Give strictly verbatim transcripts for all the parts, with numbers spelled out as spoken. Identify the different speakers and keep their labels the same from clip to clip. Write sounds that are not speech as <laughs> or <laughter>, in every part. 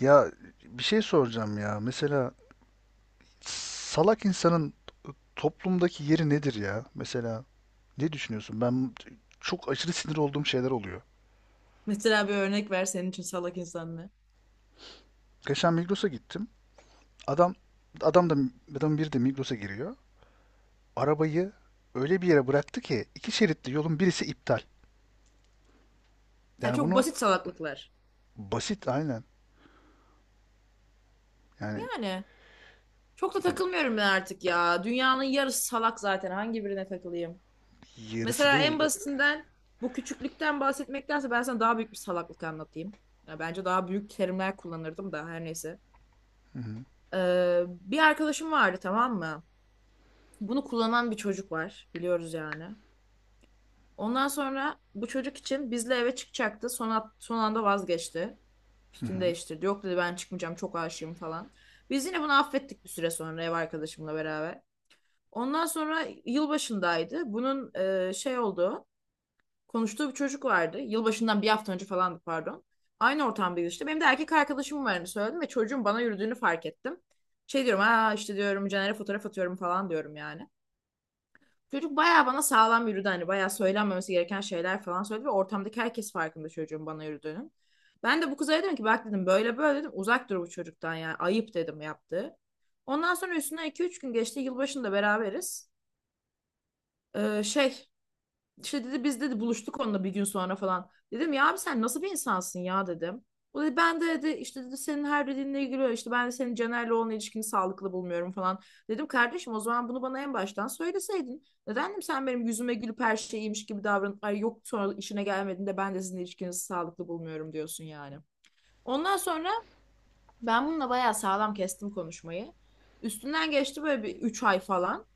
Speaker 1: Ya, bir şey soracağım ya. Mesela salak insanın toplumdaki yeri nedir ya? Mesela ne düşünüyorsun? Ben çok aşırı sinir olduğum şeyler oluyor.
Speaker 2: Mesela bir örnek ver senin için salak insan ne?
Speaker 1: Geçen Migros'a gittim. Adam adam da adam biri de Migros'a giriyor. Arabayı öyle bir yere bıraktı ki iki şeritli yolun birisi iptal.
Speaker 2: Ya
Speaker 1: Yani
Speaker 2: çok
Speaker 1: bunu
Speaker 2: basit salaklıklar.
Speaker 1: Basit, aynen. Yani
Speaker 2: Yani çok da takılmıyorum ben artık ya. Dünyanın yarısı salak zaten. Hangi birine takılayım?
Speaker 1: yarısı
Speaker 2: Mesela
Speaker 1: değil.
Speaker 2: en basitinden bu küçüklükten bahsetmektense ben sana daha büyük bir salaklık anlatayım. Ya bence daha büyük terimler kullanırdım da her neyse.
Speaker 1: Hı hı,
Speaker 2: Ee, bir arkadaşım vardı, tamam mı? Bunu kullanan bir çocuk var. Biliyoruz yani. Ondan sonra bu çocuk için bizle eve çıkacaktı. Son, at- son anda vazgeçti.
Speaker 1: hı
Speaker 2: Fikrini
Speaker 1: hı.
Speaker 2: değiştirdi. Yok dedi, ben çıkmayacağım, çok aşığım falan. Biz yine bunu affettik bir süre sonra ev arkadaşımla beraber. Ondan sonra yılbaşındaydı. Bunun e, şey olduğu konuştuğu bir çocuk vardı. Yılbaşından bir hafta önce falandı, pardon. Aynı ortamdaydı işte. Benim de erkek arkadaşım varını söyledim ve çocuğun bana yürüdüğünü fark ettim. Şey diyorum, ha işte diyorum Caner'e fotoğraf atıyorum falan diyorum yani. Çocuk bayağı bana sağlam yürüdü, hani bayağı söylenmemesi gereken şeyler falan söyledi ve ortamdaki herkes farkında çocuğun bana yürüdüğünün. Ben de bu kıza dedim ki bak dedim, böyle böyle dedim, uzak dur bu çocuktan, yani ayıp dedim yaptı. Ondan sonra üstüne iki üç gün geçti, yılbaşında beraberiz. Ee, şey işte dedi biz dedi buluştuk onunla bir gün sonra falan. Dedim ya abi sen nasıl bir insansın ya dedim. O dedi ben de dedi işte dedi senin her dediğinle ilgili, işte ben de senin Caner'le olan ilişkini sağlıklı bulmuyorum falan. Dedim kardeşim, o zaman bunu bana en baştan söyleseydin. Neden dedim, sen benim yüzüme gülüp her şey iyiymiş gibi davranıp ay yok, sonra işine gelmediğinde ben de sizin ilişkinizi sağlıklı bulmuyorum diyorsun yani. Ondan sonra ben bununla bayağı sağlam kestim konuşmayı. Üstünden geçti böyle bir üç ay falan.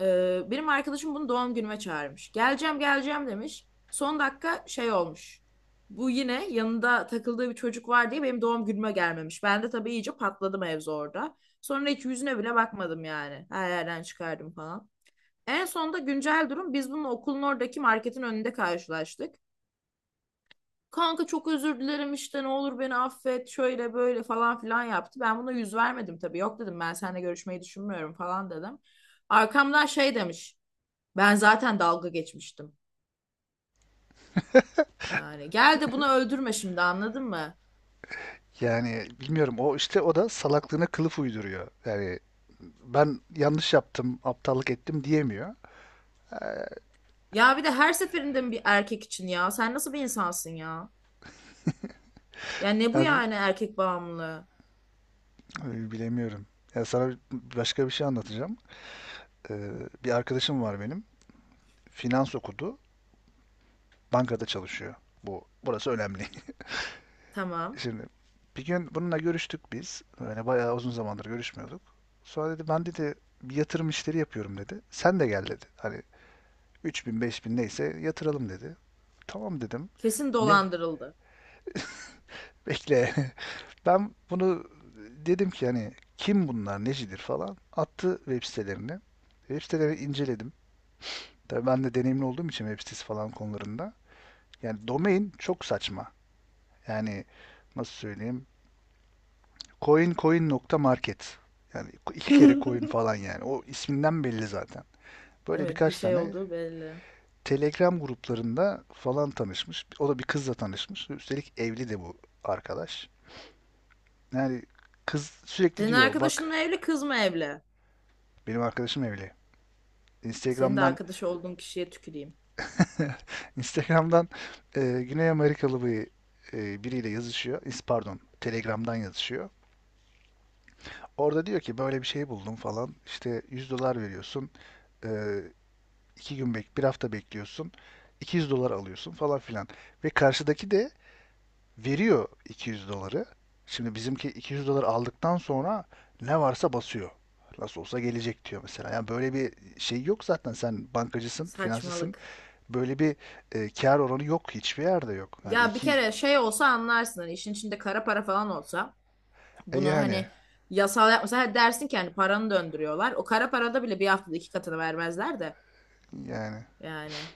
Speaker 2: Ee, benim arkadaşım bunu doğum günüme çağırmış. Geleceğim geleceğim demiş. Son dakika şey olmuş. Bu yine yanında takıldığı bir çocuk var diye benim doğum günüme gelmemiş. Ben de tabii iyice patladım, mevzu orada. Sonra hiç yüzüne bile bakmadım yani. Her yerden çıkardım falan. En sonunda güncel durum, biz bununla okulun oradaki marketin önünde karşılaştık. Kanka çok özür dilerim işte ne olur beni affet şöyle böyle falan filan yaptı. Ben buna yüz vermedim tabii. Yok dedim ben seninle görüşmeyi düşünmüyorum falan dedim. Arkamdan şey demiş. Ben zaten dalga geçmiştim. Yani gel de bunu öldürme şimdi, anladın mı?
Speaker 1: Yani bilmiyorum, o işte o da salaklığına kılıf uyduruyor. Yani ben yanlış yaptım, aptallık ettim diyemiyor.
Speaker 2: Ya bir de her seferinde mi bir erkek için ya? Sen nasıl bir insansın ya? Ya ne bu
Speaker 1: Ya,
Speaker 2: yani, erkek bağımlılığı?
Speaker 1: bilemiyorum. Ya, sana başka bir şey anlatacağım. Ee,
Speaker 2: Hı.
Speaker 1: Bir arkadaşım var benim. Finans okudu. Bankada çalışıyor. Bu burası önemli. <laughs>
Speaker 2: Tamam.
Speaker 1: Şimdi bir gün bununla görüştük biz. Böyle bayağı uzun zamandır görüşmüyorduk. Sonra dedi, ben dedi bir yatırım işleri yapıyorum dedi. Sen de gel dedi. Hani 3000 bin neyse yatıralım dedi. Tamam dedim.
Speaker 2: Kesin
Speaker 1: Ne?
Speaker 2: dolandırıldı.
Speaker 1: Bekle. <laughs> Ben bunu dedim ki, hani kim bunlar, necidir falan. Attı web sitelerini. Web sitelerini inceledim. Tabii ben de deneyimli olduğum için web sitesi falan konularında. Yani domain çok saçma. Yani nasıl söyleyeyim? Coin coin.market. Yani iki kere coin falan
Speaker 2: <laughs>
Speaker 1: yani. O isminden belli zaten. Böyle
Speaker 2: Evet, bir
Speaker 1: birkaç
Speaker 2: şey
Speaker 1: tane
Speaker 2: olduğu belli.
Speaker 1: Telegram gruplarında falan tanışmış. O da bir kızla tanışmış. Üstelik evli de bu arkadaş. Yani kız sürekli
Speaker 2: Senin
Speaker 1: diyor
Speaker 2: arkadaşın
Speaker 1: bak,
Speaker 2: mı evli, kız mı evli?
Speaker 1: benim arkadaşım evli.
Speaker 2: Senin de
Speaker 1: Instagram'dan
Speaker 2: arkadaş olduğun kişiye tüküreyim.
Speaker 1: <laughs> Instagram'dan, e, Güney Amerikalı bir e, biriyle yazışıyor. İs- Pardon, Telegram'dan yazışıyor. Orada diyor ki böyle bir şey buldum falan. İşte yüz dolar veriyorsun. Ee, iki gün bek, bir hafta bekliyorsun. iki yüz dolar alıyorsun falan filan. Ve karşıdaki de veriyor iki yüz doları. Şimdi bizimki iki yüz dolar aldıktan sonra ne varsa basıyor. Nasıl olsa gelecek diyor mesela. Yani böyle bir şey yok zaten. Sen bankacısın, finansçısın.
Speaker 2: Saçmalık.
Speaker 1: Böyle bir e, kar oranı yok. Hiçbir yerde yok. Yani
Speaker 2: Ya bir
Speaker 1: iki,
Speaker 2: kere şey olsa anlarsın, hani işin içinde kara para falan olsa.
Speaker 1: e
Speaker 2: Bunu
Speaker 1: yani
Speaker 2: hani yasal yapmasa, ha dersin ki hani paranı döndürüyorlar. O kara parada bile bir haftada iki katını vermezler de
Speaker 1: yani
Speaker 2: yani.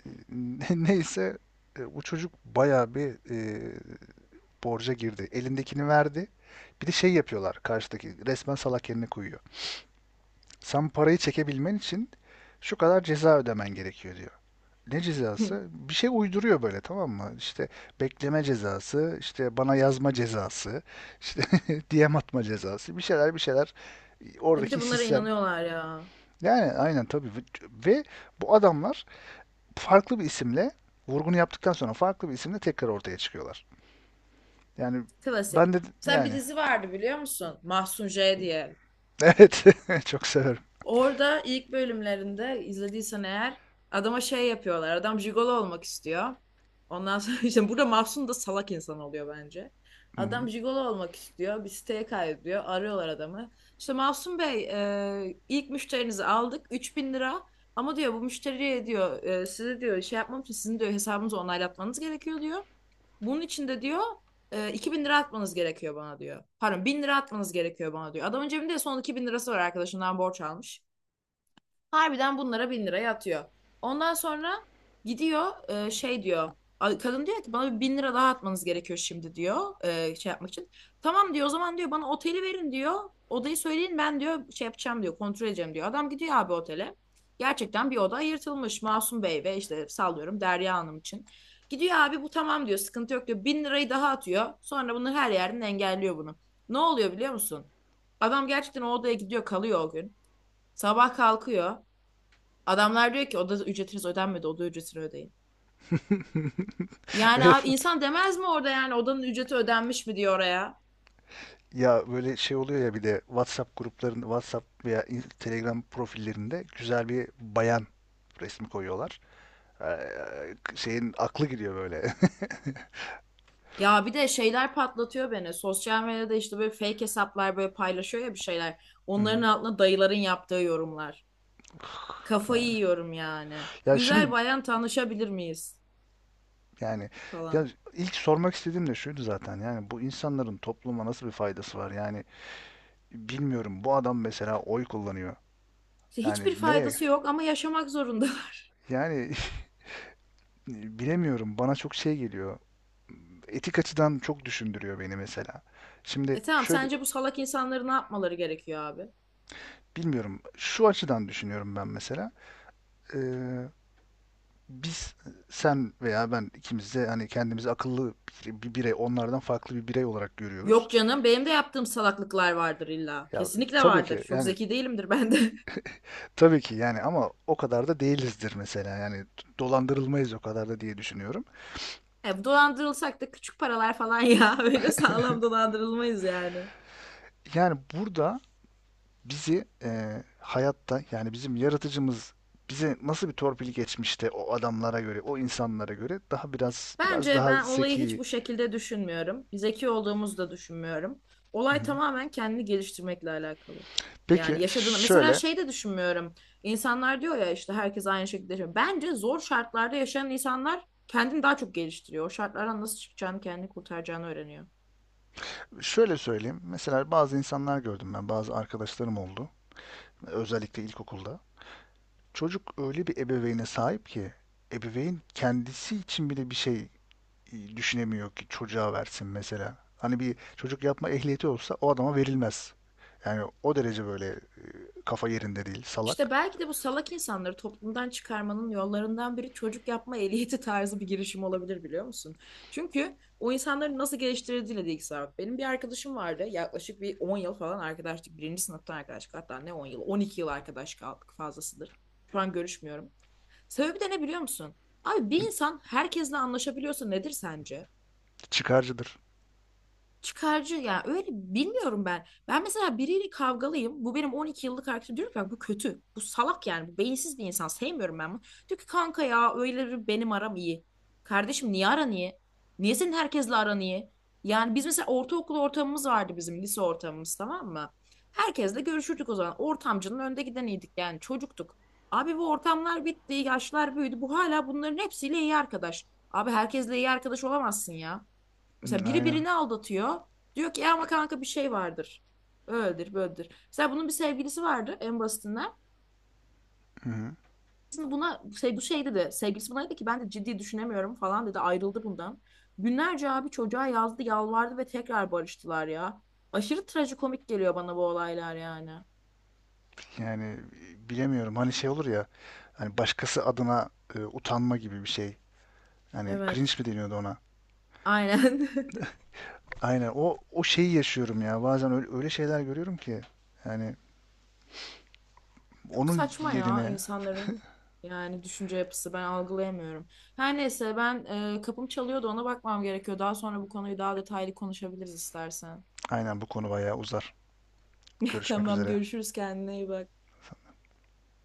Speaker 1: <laughs> Neyse, e, bu çocuk bayağı bir e, borca girdi. Elindekini verdi. Bir de şey yapıyorlar, karşıdaki resmen salak yerine koyuyor. Sen parayı çekebilmen için şu kadar ceza ödemen gerekiyor diyor. Ne cezası?
Speaker 2: <laughs>
Speaker 1: Bir şey uyduruyor böyle, tamam mı? İşte bekleme cezası, işte bana yazma cezası, işte <laughs> D M atma cezası, bir şeyler bir şeyler
Speaker 2: Ya bir
Speaker 1: oradaki
Speaker 2: de bunlara
Speaker 1: sistem.
Speaker 2: inanıyorlar ya.
Speaker 1: Yani aynen, tabii. Ve bu adamlar farklı bir isimle vurgunu yaptıktan sonra farklı bir isimle tekrar ortaya çıkıyorlar. Yani ben
Speaker 2: Klasik.
Speaker 1: de
Speaker 2: Mesela bir
Speaker 1: yani
Speaker 2: dizi vardı, biliyor musun? Mahsun J diye.
Speaker 1: Evet, <laughs> çok severim.
Speaker 2: Orada ilk bölümlerinde izlediysen eğer adama şey yapıyorlar. Adam jigolo olmak istiyor. Ondan sonra <laughs> işte burada Mahsun da salak insan oluyor bence.
Speaker 1: Hı hı.
Speaker 2: Adam jigolo olmak istiyor. Bir siteye kaydediyor. Arıyorlar adamı. İşte Mahsun Bey, e, ilk müşterinizi aldık. Üç bin lira. Ama diyor bu müşteriye diyor, e, size diyor şey yapmam için sizin diyor hesabınızı onaylatmanız gerekiyor diyor. Bunun için de diyor e, iki bin lira atmanız gerekiyor bana diyor. Pardon, bin lira atmanız gerekiyor bana diyor. Adamın cebinde son iki bin lirası var, arkadaşından borç almış. Harbiden bunlara bin liraya atıyor. Ondan sonra gidiyor, e, şey diyor. a- Kadın diyor ki bana bir bin lira daha atmanız gerekiyor şimdi diyor, e, şey yapmak için. Tamam diyor, o zaman diyor bana oteli verin diyor. Odayı söyleyin, ben diyor şey yapacağım diyor, kontrol edeceğim diyor. Adam gidiyor abi otele. Gerçekten bir oda ayırtılmış Masum Bey ve işte sallıyorum Derya Hanım için. Gidiyor abi, bu tamam diyor, sıkıntı yok diyor. Bin lirayı daha atıyor. Sonra bunu her yerden engelliyor bunu. Ne oluyor biliyor musun? Adam gerçekten o odaya gidiyor kalıyor o gün. Sabah kalkıyor. Adamlar diyor ki oda ücretiniz ödenmedi, oda ücretini ödeyin. Yani
Speaker 1: Evet.
Speaker 2: abi,
Speaker 1: Evet.
Speaker 2: insan demez mi orada, yani odanın ücreti ödenmiş mi diyor oraya?
Speaker 1: Ya böyle şey oluyor ya, bir de WhatsApp gruplarında, WhatsApp veya in- Telegram profillerinde güzel bir bayan resmi koyuyorlar. Ee, şeyin aklı gidiyor böyle. <laughs>
Speaker 2: Ya bir de şeyler patlatıyor beni. Sosyal medyada işte böyle fake hesaplar böyle paylaşıyor ya bir şeyler.
Speaker 1: Hı
Speaker 2: Onların
Speaker 1: hı.
Speaker 2: altına dayıların yaptığı yorumlar. Kafayı
Speaker 1: Yani.
Speaker 2: yiyorum yani.
Speaker 1: Ya şimdi,
Speaker 2: Güzel bayan tanışabilir miyiz
Speaker 1: yani, ya
Speaker 2: falan.
Speaker 1: ilk sormak istediğim de şuydu zaten. Yani bu insanların topluma nasıl bir faydası var? Yani bilmiyorum. Bu adam mesela oy kullanıyor.
Speaker 2: İşte hiçbir
Speaker 1: Yani ne?
Speaker 2: faydası yok ama yaşamak zorundalar. <laughs>
Speaker 1: Yani <laughs> bilemiyorum. Bana çok şey geliyor. Etik açıdan çok düşündürüyor beni mesela. Şimdi
Speaker 2: E tamam,
Speaker 1: şöyle,
Speaker 2: sence bu salak insanları ne yapmaları gerekiyor abi?
Speaker 1: bilmiyorum. Şu açıdan düşünüyorum ben mesela. Ee, Biz, sen veya ben, ikimiz de hani kendimizi akıllı bir, bir birey, onlardan farklı bir birey olarak görüyoruz.
Speaker 2: Yok canım, benim de yaptığım salaklıklar vardır illa.
Speaker 1: Ya
Speaker 2: Kesinlikle
Speaker 1: tabii
Speaker 2: vardır.
Speaker 1: ki,
Speaker 2: Çok
Speaker 1: yani,
Speaker 2: zeki değilimdir ben de. <laughs>
Speaker 1: tabii ki yani ama o kadar da değilizdir mesela. Yani dolandırılmayız o kadar da diye düşünüyorum.
Speaker 2: E, dolandırılsak da küçük paralar falan ya. <laughs> Öyle sağlam dolandırılmayız yani.
Speaker 1: Yani burada bizi eee, hayatta, yani bizim yaratıcımız bize nasıl bir torpil geçmişte, o adamlara göre, o insanlara göre daha biraz biraz
Speaker 2: Bence
Speaker 1: daha
Speaker 2: ben olayı hiç
Speaker 1: zeki.
Speaker 2: bu şekilde düşünmüyorum. Zeki olduğumuzu da düşünmüyorum. Olay tamamen kendini geliştirmekle alakalı.
Speaker 1: Peki
Speaker 2: Yani yaşadığını mesela
Speaker 1: şöyle
Speaker 2: şey de düşünmüyorum. İnsanlar diyor ya işte herkes aynı şekilde yaşıyor. Bence zor şartlarda yaşayan insanlar kendini daha çok geliştiriyor. O şartlardan nasıl çıkacağını, kendini kurtaracağını öğreniyor.
Speaker 1: şöyle söyleyeyim. Mesela bazı insanlar gördüm ben, bazı arkadaşlarım oldu. Özellikle ilkokulda. Çocuk öyle bir ebeveyne sahip ki ebeveyn kendisi için bile bir şey e, düşünemiyor ki çocuğa versin mesela. Hani bir çocuk yapma ehliyeti olsa o adama verilmez. Yani o derece böyle, kafa yerinde değil,
Speaker 2: İşte
Speaker 1: salak.
Speaker 2: belki de bu salak insanları toplumdan çıkarmanın yollarından biri çocuk yapma ehliyeti tarzı bir girişim olabilir, biliyor musun? Çünkü o insanların nasıl geliştirildiğiyle de ilgisi var. Benim bir arkadaşım vardı, yaklaşık bir on yıl falan arkadaşlık. Birinci sınıftan arkadaşlık, hatta ne on yıl on iki yıl arkadaş kaldık, fazlasıdır. Şu an görüşmüyorum. Sebebi de ne biliyor musun? Abi bir insan herkesle anlaşabiliyorsa nedir sence?
Speaker 1: Çıkarcıdır.
Speaker 2: Çıkarcı, yani öyle bilmiyorum ben. Ben mesela biriyle kavgalıyım. Bu benim on iki yıllık arkadaşım. Diyorum ki "Bak bu kötü. Bu salak yani. Bu beyinsiz bir insan. Sevmiyorum ben bunu." Diyor ki kanka ya öyle bir benim aram iyi. Kardeşim, niye aran iyi? Niye senin herkesle aran iyi? Yani biz mesela ortaokul ortamımız vardı, bizim lise ortamımız, tamam mı? Herkesle görüşürdük o zaman. Ortamcının önde gideniydik yani, çocuktuk. Abi bu ortamlar bitti, yaşlar büyüdü. Bu hala bunların hepsiyle iyi arkadaş. Abi herkesle iyi arkadaş olamazsın ya.
Speaker 1: Hı,
Speaker 2: Mesela biri
Speaker 1: aynen.
Speaker 2: birini aldatıyor. Diyor ki ya ama kanka bir şey vardır. Öyledir, böyledir. Mesela bunun bir sevgilisi vardı, en basitinden.
Speaker 1: Hı hı.
Speaker 2: Aslında buna şey, bu şey dedi. Sevgilisi buna dedi ki ben de ciddi düşünemiyorum falan dedi. Ayrıldı bundan. Günlerce abi çocuğa yazdı, yalvardı ve tekrar barıştılar ya. Aşırı trajikomik geliyor bana bu olaylar yani.
Speaker 1: Yani bilemiyorum. Hani şey olur ya. Hani başkası adına e, utanma gibi bir şey. Hani cringe
Speaker 2: Evet.
Speaker 1: mi deniyordu ona?
Speaker 2: Aynen. <laughs>
Speaker 1: Aynen. O o şeyi yaşıyorum ya. Bazen öyle, öyle şeyler görüyorum ki. Yani
Speaker 2: Çok
Speaker 1: onun
Speaker 2: saçma ya
Speaker 1: yerine,
Speaker 2: insanların, yani düşünce yapısı ben algılayamıyorum. Her neyse ben e, kapım çalıyordu, ona bakmam gerekiyor. Daha sonra bu konuyu daha detaylı konuşabiliriz istersen.
Speaker 1: aynen, bu konu bayağı uzar.
Speaker 2: <laughs>
Speaker 1: Görüşmek
Speaker 2: Tamam,
Speaker 1: üzere.
Speaker 2: görüşürüz, kendine iyi bak.